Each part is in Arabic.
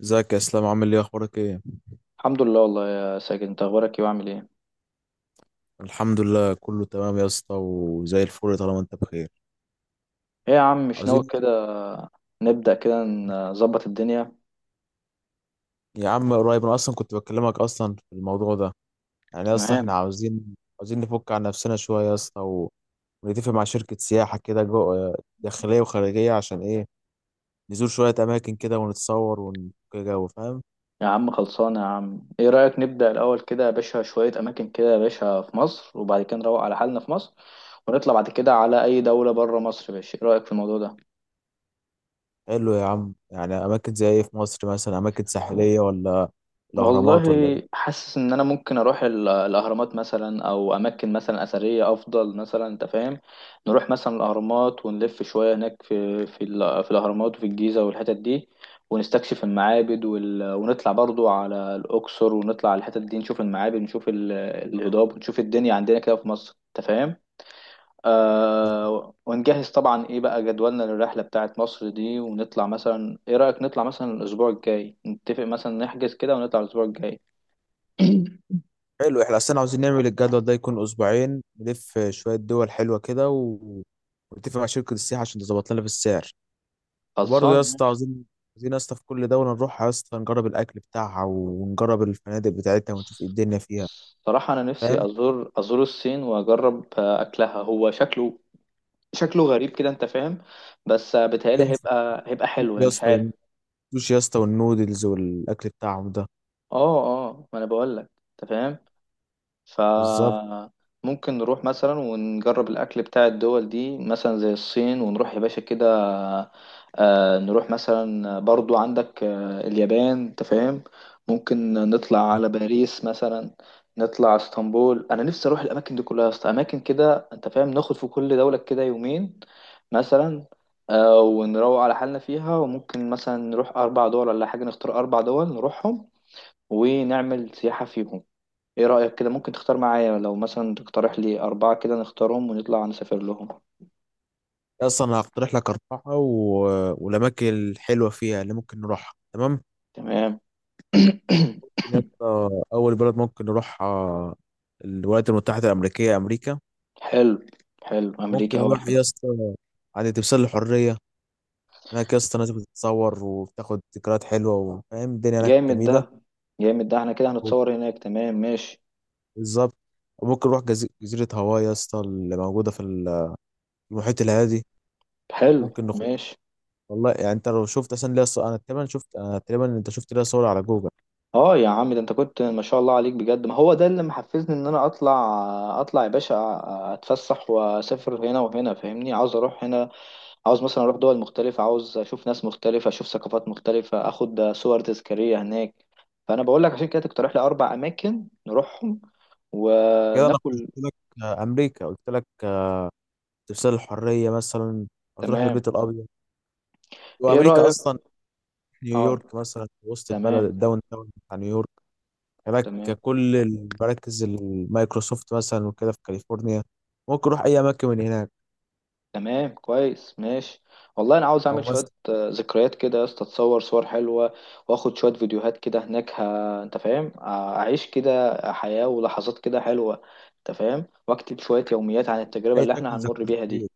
ازيك يا اسلام، عامل ايه؟ اخبارك ايه؟ الحمد لله، والله يا ساجد، انت اخبارك ايه وعامل ايه؟ الحمد لله كله تمام يا اسطى وزي الفل طالما انت بخير. ايه يا عم، مش ناوي عاوزين. كده؟ نبدأ كده نظبط الدنيا. يا عم قريب، انا اصلا كنت بكلمك اصلا في الموضوع ده. يعني يا اسطى احنا تمام. عاوزين نفك عن نفسنا شويه يا اسطى ونتفق مع شركه سياحه كده، جو داخليه وخارجيه. عشان ايه؟ نزور شويه اماكن كده ونتصور ونفك جو، فاهم. يا عم خلصانه يا عم، ايه رأيك نبدأ الاول كده يا باشا، شوية اماكن كده يا باشا في مصر، وبعد كده نروق على حالنا في مصر. ونطلع بعد كده على اي دولة بره مصر يا باشا، ايه رأيك في الموضوع ده؟ حلو يا عم. يعني اماكن زي ايه في مصر؟ مثلا اماكن ساحليه، ولا والله، الاهرامات، ولا ايه؟ حاسس ان انا ممكن اروح الاهرامات مثلا، او اماكن مثلا اثريه افضل مثلا، انت فاهم. نروح مثلا الاهرامات ونلف شويه هناك في في الاهرامات، وفي الجيزه والحتت دي. ونستكشف المعابد ونطلع برضو على الاقصر، ونطلع على الحتت دي نشوف المعابد، نشوف الهضاب، ونشوف الدنيا عندنا كده في مصر، انت فاهم. ونجهز طبعا، ايه بقى جدولنا للرحله بتاعت مصر دي، ونطلع مثلا، ايه رايك نطلع مثلا الاسبوع الجاي، نتفق مثلا نحجز كده ونطلع الاسبوع الجاي. حلو، احنا اصلا عاوزين نعمل الجدول ده يكون اسبوعين، نلف شويه دول حلوه كده ونتفق مع شركه السياحه عشان تظبط لنا في السعر. وبرضه خلصان يا اسطى ماشي. عاوزين يا اسطى في كل دوله نروح يا اسطى نجرب الاكل بتاعها ونجرب الفنادق بتاعتها ونشوف ايه الدنيا فيها، صراحة أنا نفسي فاهم. أزور الصين، وأجرب أكلها هو شكله، شكله غريب كده، أنت فاهم. بس بيتهيألي هيبقى حلو يعني، يا مش اسطى عارف. والسوشي يا اسطى والنودلز والاكل بتاعهم ده. أه، أه، ما أنا بقول لك. أنت فاهم. بالظبط. فممكن نروح مثلا ونجرب الأكل بتاع الدول دي، مثلا زي الصين، ونروح يا باشا كده. نروح مثلا برضو، عندك اليابان، انت فاهم. ممكن نطلع بالظبط. على باريس مثلا. نطلع اسطنبول، انا نفسي اروح الاماكن دي كلها يا اسطى، اماكن كده انت فاهم، ناخد في كل دولة كده يومين مثلا. ونروق على حالنا فيها، وممكن مثلا نروح اربع دول ولا حاجة، نختار اربع دول نروحهم ونعمل سياحة فيهم. ايه رأيك كده؟ ممكن تختار معايا لو مثلا تقترح لي أربعة كده نختارهم ونطلع نسافر لهم. يا اسطى انا هقترح لك 4 والاماكن الحلوه فيها اللي ممكن نروحها، تمام. تمام. يا اسطى اول بلد ممكن نروحها، الولايات المتحده الامريكيه، امريكا. حلو. حلو، ممكن أمريكا أول نروح حاجة. يا اسطى عند تمثال الحريه. هناك يا اسطى الناس بتتصور وبتاخد ذكريات حلوه، وفاهم الدنيا هناك جامد ده. جميله. جامد ده، احنا كده هنتصور هناك، تمام ماشي. بالظبط. وممكن نروح جزيره هاواي يا اسطى اللي موجوده في المحيط الهادي. حلو، ممكن نخد. ماشي. والله يعني انت لو شفت اصلا ليا صور، انا تقريبا شفت، انا تقريبا، انت شفت ليا صور على جوجل. اه يا عم، ده انت كنت ما شاء الله عليك بجد، ما هو ده اللي محفزني ان انا اطلع يا باشا، اتفسح واسافر هنا وهنا، فاهمني عاوز اروح هنا، عاوز مثلا اروح دول مختلفة، عاوز اشوف ناس مختلفة، اشوف ثقافات مختلفة، اخد صور تذكارية هناك. فانا بقول لك عشان كده تقترح لي اربع اماكن نروحهم كده انا قلت وناكل. لك امريكا، قلت لك تمثال الحريه مثلا، هتروح تمام. البيت الابيض. ايه وامريكا رأيك؟ اصلا اه. نيويورك مثلا، وسط البلد، تمام الداون تاون بتاع نيويورك. هناك تمام. كل المراكز المايكروسوفت مثلا، وكده في كاليفورنيا. ممكن اروح اي اماكن من هناك. تمام كويس ماشي. والله انا عاوز اعمل او شوية مثلا ذكريات كده يا اسطى، اتصور صور حلوة، واخد شوية فيديوهات كده هناك انت فاهم، اعيش كده حياة ولحظات كده حلوة، انت فاهم، واكتب شوية يوميات عن التجربة اي اللي احنا شكل هنمر ذكريات بيها دي. ليك،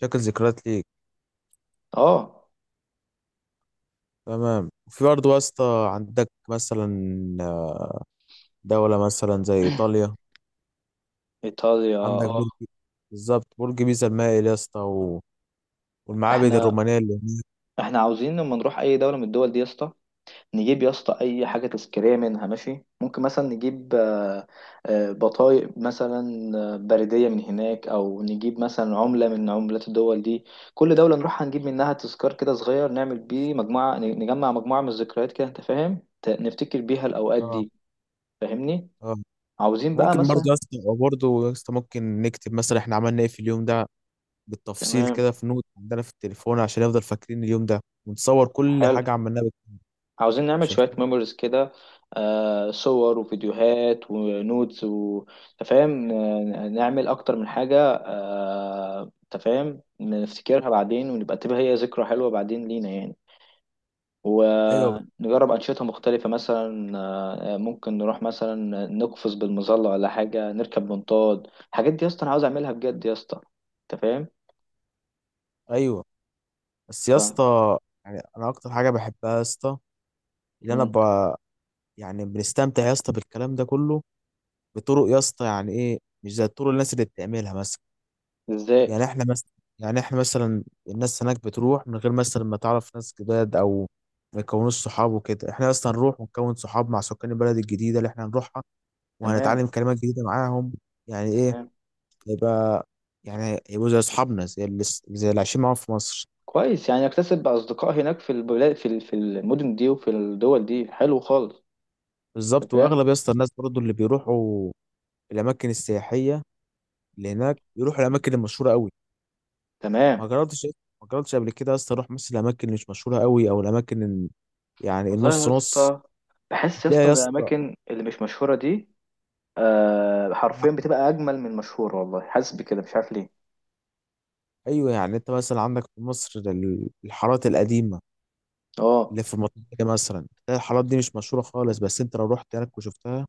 شكل ذكريات ليك. اه. تمام. في برضه يا اسطى عندك مثلا دولة مثلا زي ايطاليا. ايطاليا، عندك اه. برج، بالظبط برج بيزا المائل يا اسطى والمعابد احنا الرومانية اللي هناك. احنا عاوزين لما نروح اي دوله من الدول دي يا اسطى، نجيب يا اسطى اي حاجه تذكاريه منها، ماشي، ممكن مثلا نجيب بطايق مثلا، بريديه من هناك، او نجيب مثلا عمله من عملات الدول دي. كل دوله نروح هنجيب منها تذكار كده صغير، نعمل بيه مجموعه، نجمع مجموعه من الذكريات كده، انت فاهم، نفتكر بيها الاوقات اه. دي. فاهمني. اه. عاوزين بقى ممكن برضه يا مثلا. اسطى برضه يا اسطى ممكن نكتب مثلا احنا عملنا ايه في اليوم ده بالتفصيل تمام. كده، في نوت عندنا في التليفون، عشان يفضل فاكرين اليوم ده، ونصور كل حلو. حاجه عملناها عاوزين نعمل عشان شوية الفيلم. ميموريز كده، صور وفيديوهات ونودز وتفاهم، نعمل أكتر من حاجة، تفاهم نفتكرها بعدين، تبقى هي ذكرى حلوة بعدين لينا يعني، ايوه ونجرب أنشطة مختلفة مثلا. ممكن نروح مثلا نقفز بالمظلة، ولا حاجة نركب منطاد. الحاجات دي يا اسطى أنا عاوز أعملها بجد يا اسطى. أنت فاهم؟ ايوه بس يا ف اسطى، يعني انا اكتر حاجه بحبها يا اسطى ان انا مم. يعني بنستمتع يا اسطى بالكلام ده كله، بطرق يا اسطى، يعني ايه، مش زي الطرق الناس اللي بتعملها مثلا. إزاي؟ يعني احنا مثلا يعني احنا مثلا الناس هناك بتروح من غير مثلا ما تعرف ناس جداد، او ما يكونوش صحاب وكده. احنا اصلا نروح ونكون صحاب مع سكان البلد الجديده اللي احنا هنروحها، تمام. وهنتعلم كلمات جديده معاهم. يعني ايه، تمام هيبقى، يعني هيبقوا زي اصحابنا، زي اللي عايشين معاهم في مصر. كويس يعني، اكتسب أصدقاء هناك في البلاد في المدن دي وفي الدول دي، حلو خالص. أنت بالظبط. فاهم. واغلب يا اسطى الناس برضو اللي بيروحوا الاماكن السياحيه اللي هناك، بيروحوا الاماكن المشهوره قوي. تمام. ما جربتش ما جربتش قبل كده يا اسطى اروح مثلا الاماكن اللي مش مشهوره قوي، او الاماكن يعني والله يا النص نص. اسطى، بحس يا هتلاقي اسطى يا إن اسطى. الأماكن اللي مش مشهورة دي حرفيا بتبقى أجمل من المشهورة، والله حاسس بكده مش عارف ليه. ايوه، يعني انت مثلا عندك في مصر الحارات القديمه اه، اللي في المنطقه دي، مثلا تلاقي الحارات دي مش مشهوره خالص، بس انت لو رحت هناك وشفتها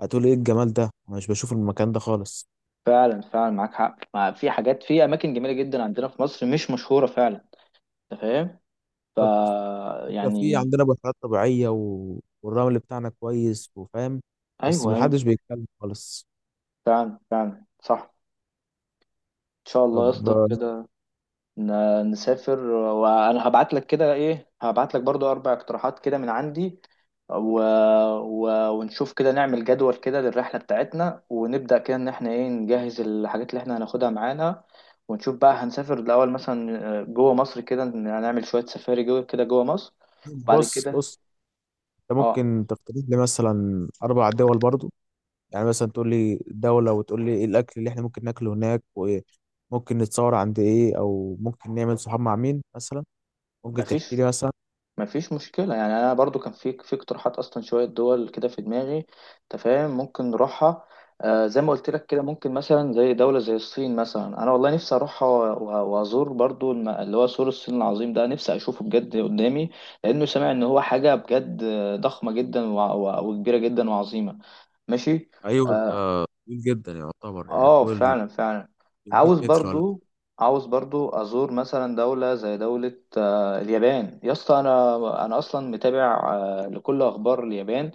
هتقول ايه الجمال ده، انا مش بشوف المكان ده خالص. فعلا فعلا معاك حق، في حاجات في أماكن جميلة جدا عندنا في مصر مش مشهورة فعلا. أنت فاهم. ف الفكرة، في يعني. عندنا بحيرات طبيعية والرمل بتاعنا كويس، وفاهم، بس أيوه، أيوه. محدش بيتكلم خالص. فعلا فعلا صح. إن شاء الله يا طب اسطى كده نسافر، وانا هبعت لك كده ايه، هبعت لك برضو اربع اقتراحات كده من عندي، و... ونشوف كده نعمل جدول كده للرحلة بتاعتنا، ونبدأ كده ان احنا ايه نجهز الحاجات اللي احنا هناخدها معانا. ونشوف بقى هنسافر الاول مثلا جوه مصر كده، هنعمل شوية سفاري جوه كده جوه مصر. بعد بص، كده. بص، انت اه. ممكن تقترح لي مثلا 4 دول برضو. يعني مثلا تقول لي دولة وتقول لي ايه الاكل اللي احنا ممكن ناكله هناك، وممكن نتصور عند ايه، او ممكن نعمل صحاب مع مين مثلا. ممكن تحكي مفيش لي مثلا. مفيش مشكلة يعني، أنا برضو كان في اقتراحات أصلا شوية دول كده في دماغي، أنت فاهم ممكن نروحها. زي ما قلت لك كده، ممكن مثلا زي دولة زي الصين مثلا، أنا والله نفسي أروحها وأزور برضو اللي هو سور الصين العظيم ده، نفسي أشوفه بجد قدامي، لأنه سامع إن هو حاجة بجد ضخمة جدا وكبيرة جدا وعظيمة، ماشي. ايوه، ده آه، طويل جدا يعتبر، يعني اه، طول فعلا فعلا. 100 عاوز متر ولا برضو عاوز برضو ازور مثلا دولة زي دولة اليابان يا اسطى، انا اصلا متابع لكل اخبار اليابان،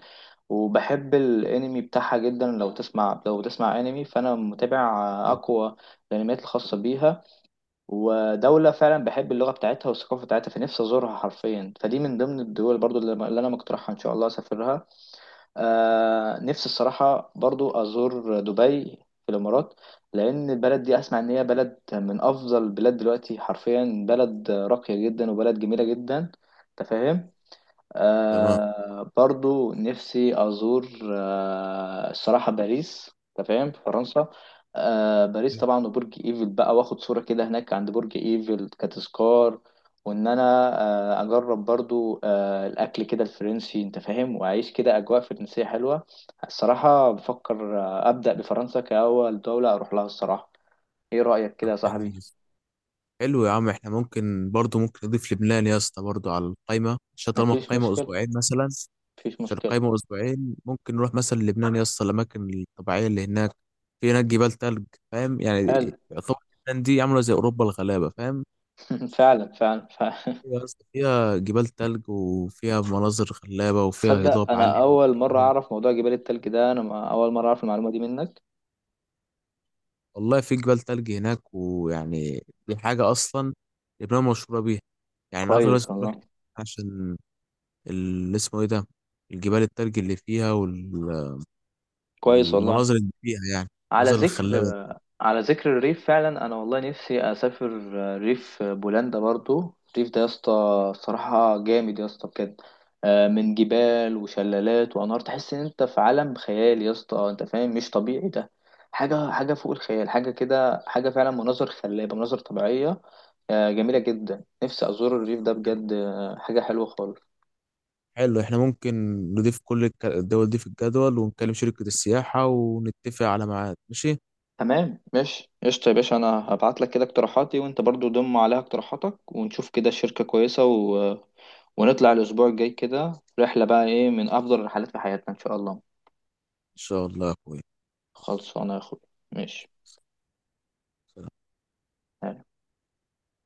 وبحب الانمي بتاعها جدا. لو بتسمع انمي، فانا متابع حاجة. اقوى الانميات الخاصة بيها، ودولة فعلا بحب اللغة بتاعتها والثقافة بتاعتها، فنفسي ازورها حرفيا، فدي من ضمن الدول برضو اللي انا مقترحها ان شاء الله اسافرها. نفسي الصراحة برضو أزور دبي في الإمارات، لأن البلد دي أسمع إن هي بلد من أفضل البلاد دلوقتي، حرفيا بلد راقية جدا وبلد جميلة جدا، أنت فاهم. تمام. برضو نفسي أزور الصراحة باريس، أنت فاهم، في فرنسا. باريس طبعا، وبرج إيفل بقى، وآخد صورة كده هناك عند برج إيفل كتذكار، وإن أنا أجرب برضو الأكل كده الفرنسي، أنت فاهم، وأعيش كده أجواء فرنسية حلوة. الصراحة بفكر أبدأ بفرنسا كأول دولة أروح لها الصراحة. إيه رأيك كده طب يا حلو، صاحبي؟ حلو يا عم، احنا ممكن برضو ممكن نضيف لبنان يا اسطى برضو على القايمة، عشان طالما مفيش القايمة مشكلة. أسبوعين مثلا، مفيش عشان مشكلة. القايمة أسبوعين ممكن نروح مثلا لبنان يا اسطى الأماكن الطبيعية اللي هناك، في هناك جبال تلج، فاهم يعني. حلو. يعتبر لبنان دي عاملة زي أوروبا الغلابة، فاهم. فعلا فعلا فعلا. يا اسطى فيها جبال تلج وفيها مناظر خلابة وفيها هضاب تصدق انا عالي اول مره وجبال- اعرف موضوع جبال التلج ده، انا اول مره اعرف المعلومه دي منك. والله في جبال تلج هناك، ويعني دي حاجة أصلا لبنان مشهورة بيها، يعني أغلب الناس كويس بتروح والله. عشان اللي اسمه ايه ده، الجبال التلج اللي فيها كويس والله. والمناظر اللي فيها، يعني على المناظر ذكر الخلابة دي. على ذكر الريف فعلا، انا والله نفسي اسافر ريف بولندا برضو. الريف ده يا اسطى صراحه جامد يا اسطى بجد، من جبال وشلالات وانهار، تحس ان انت في عالم خيال يا اسطى، انت فاهم، مش طبيعي ده. حاجه فوق الخيال، حاجه كده، حاجه فعلا، مناظر خلابه، مناظر طبيعيه جميله جدا، نفسي ازور الريف ده بجد، حاجه حلوه خالص. حلو، احنا ممكن نضيف كل الدول دي في الجدول، ونكلم شركة السياحة ونتفق على ميعاد، ماشي ان تمام ماشي قشطة يا باشا، أنا هبعت لك كده اقتراحاتي وأنت برضو ضم عليها اقتراحاتك، ونشوف كده الشركة كويسة، ونطلع الأسبوع الجاي كده، رحلة بقى إيه من أفضل الرحلات في حياتنا إن شاء الله. شاء الله يا خلصانة يا أخوي. ماشي. اخويا.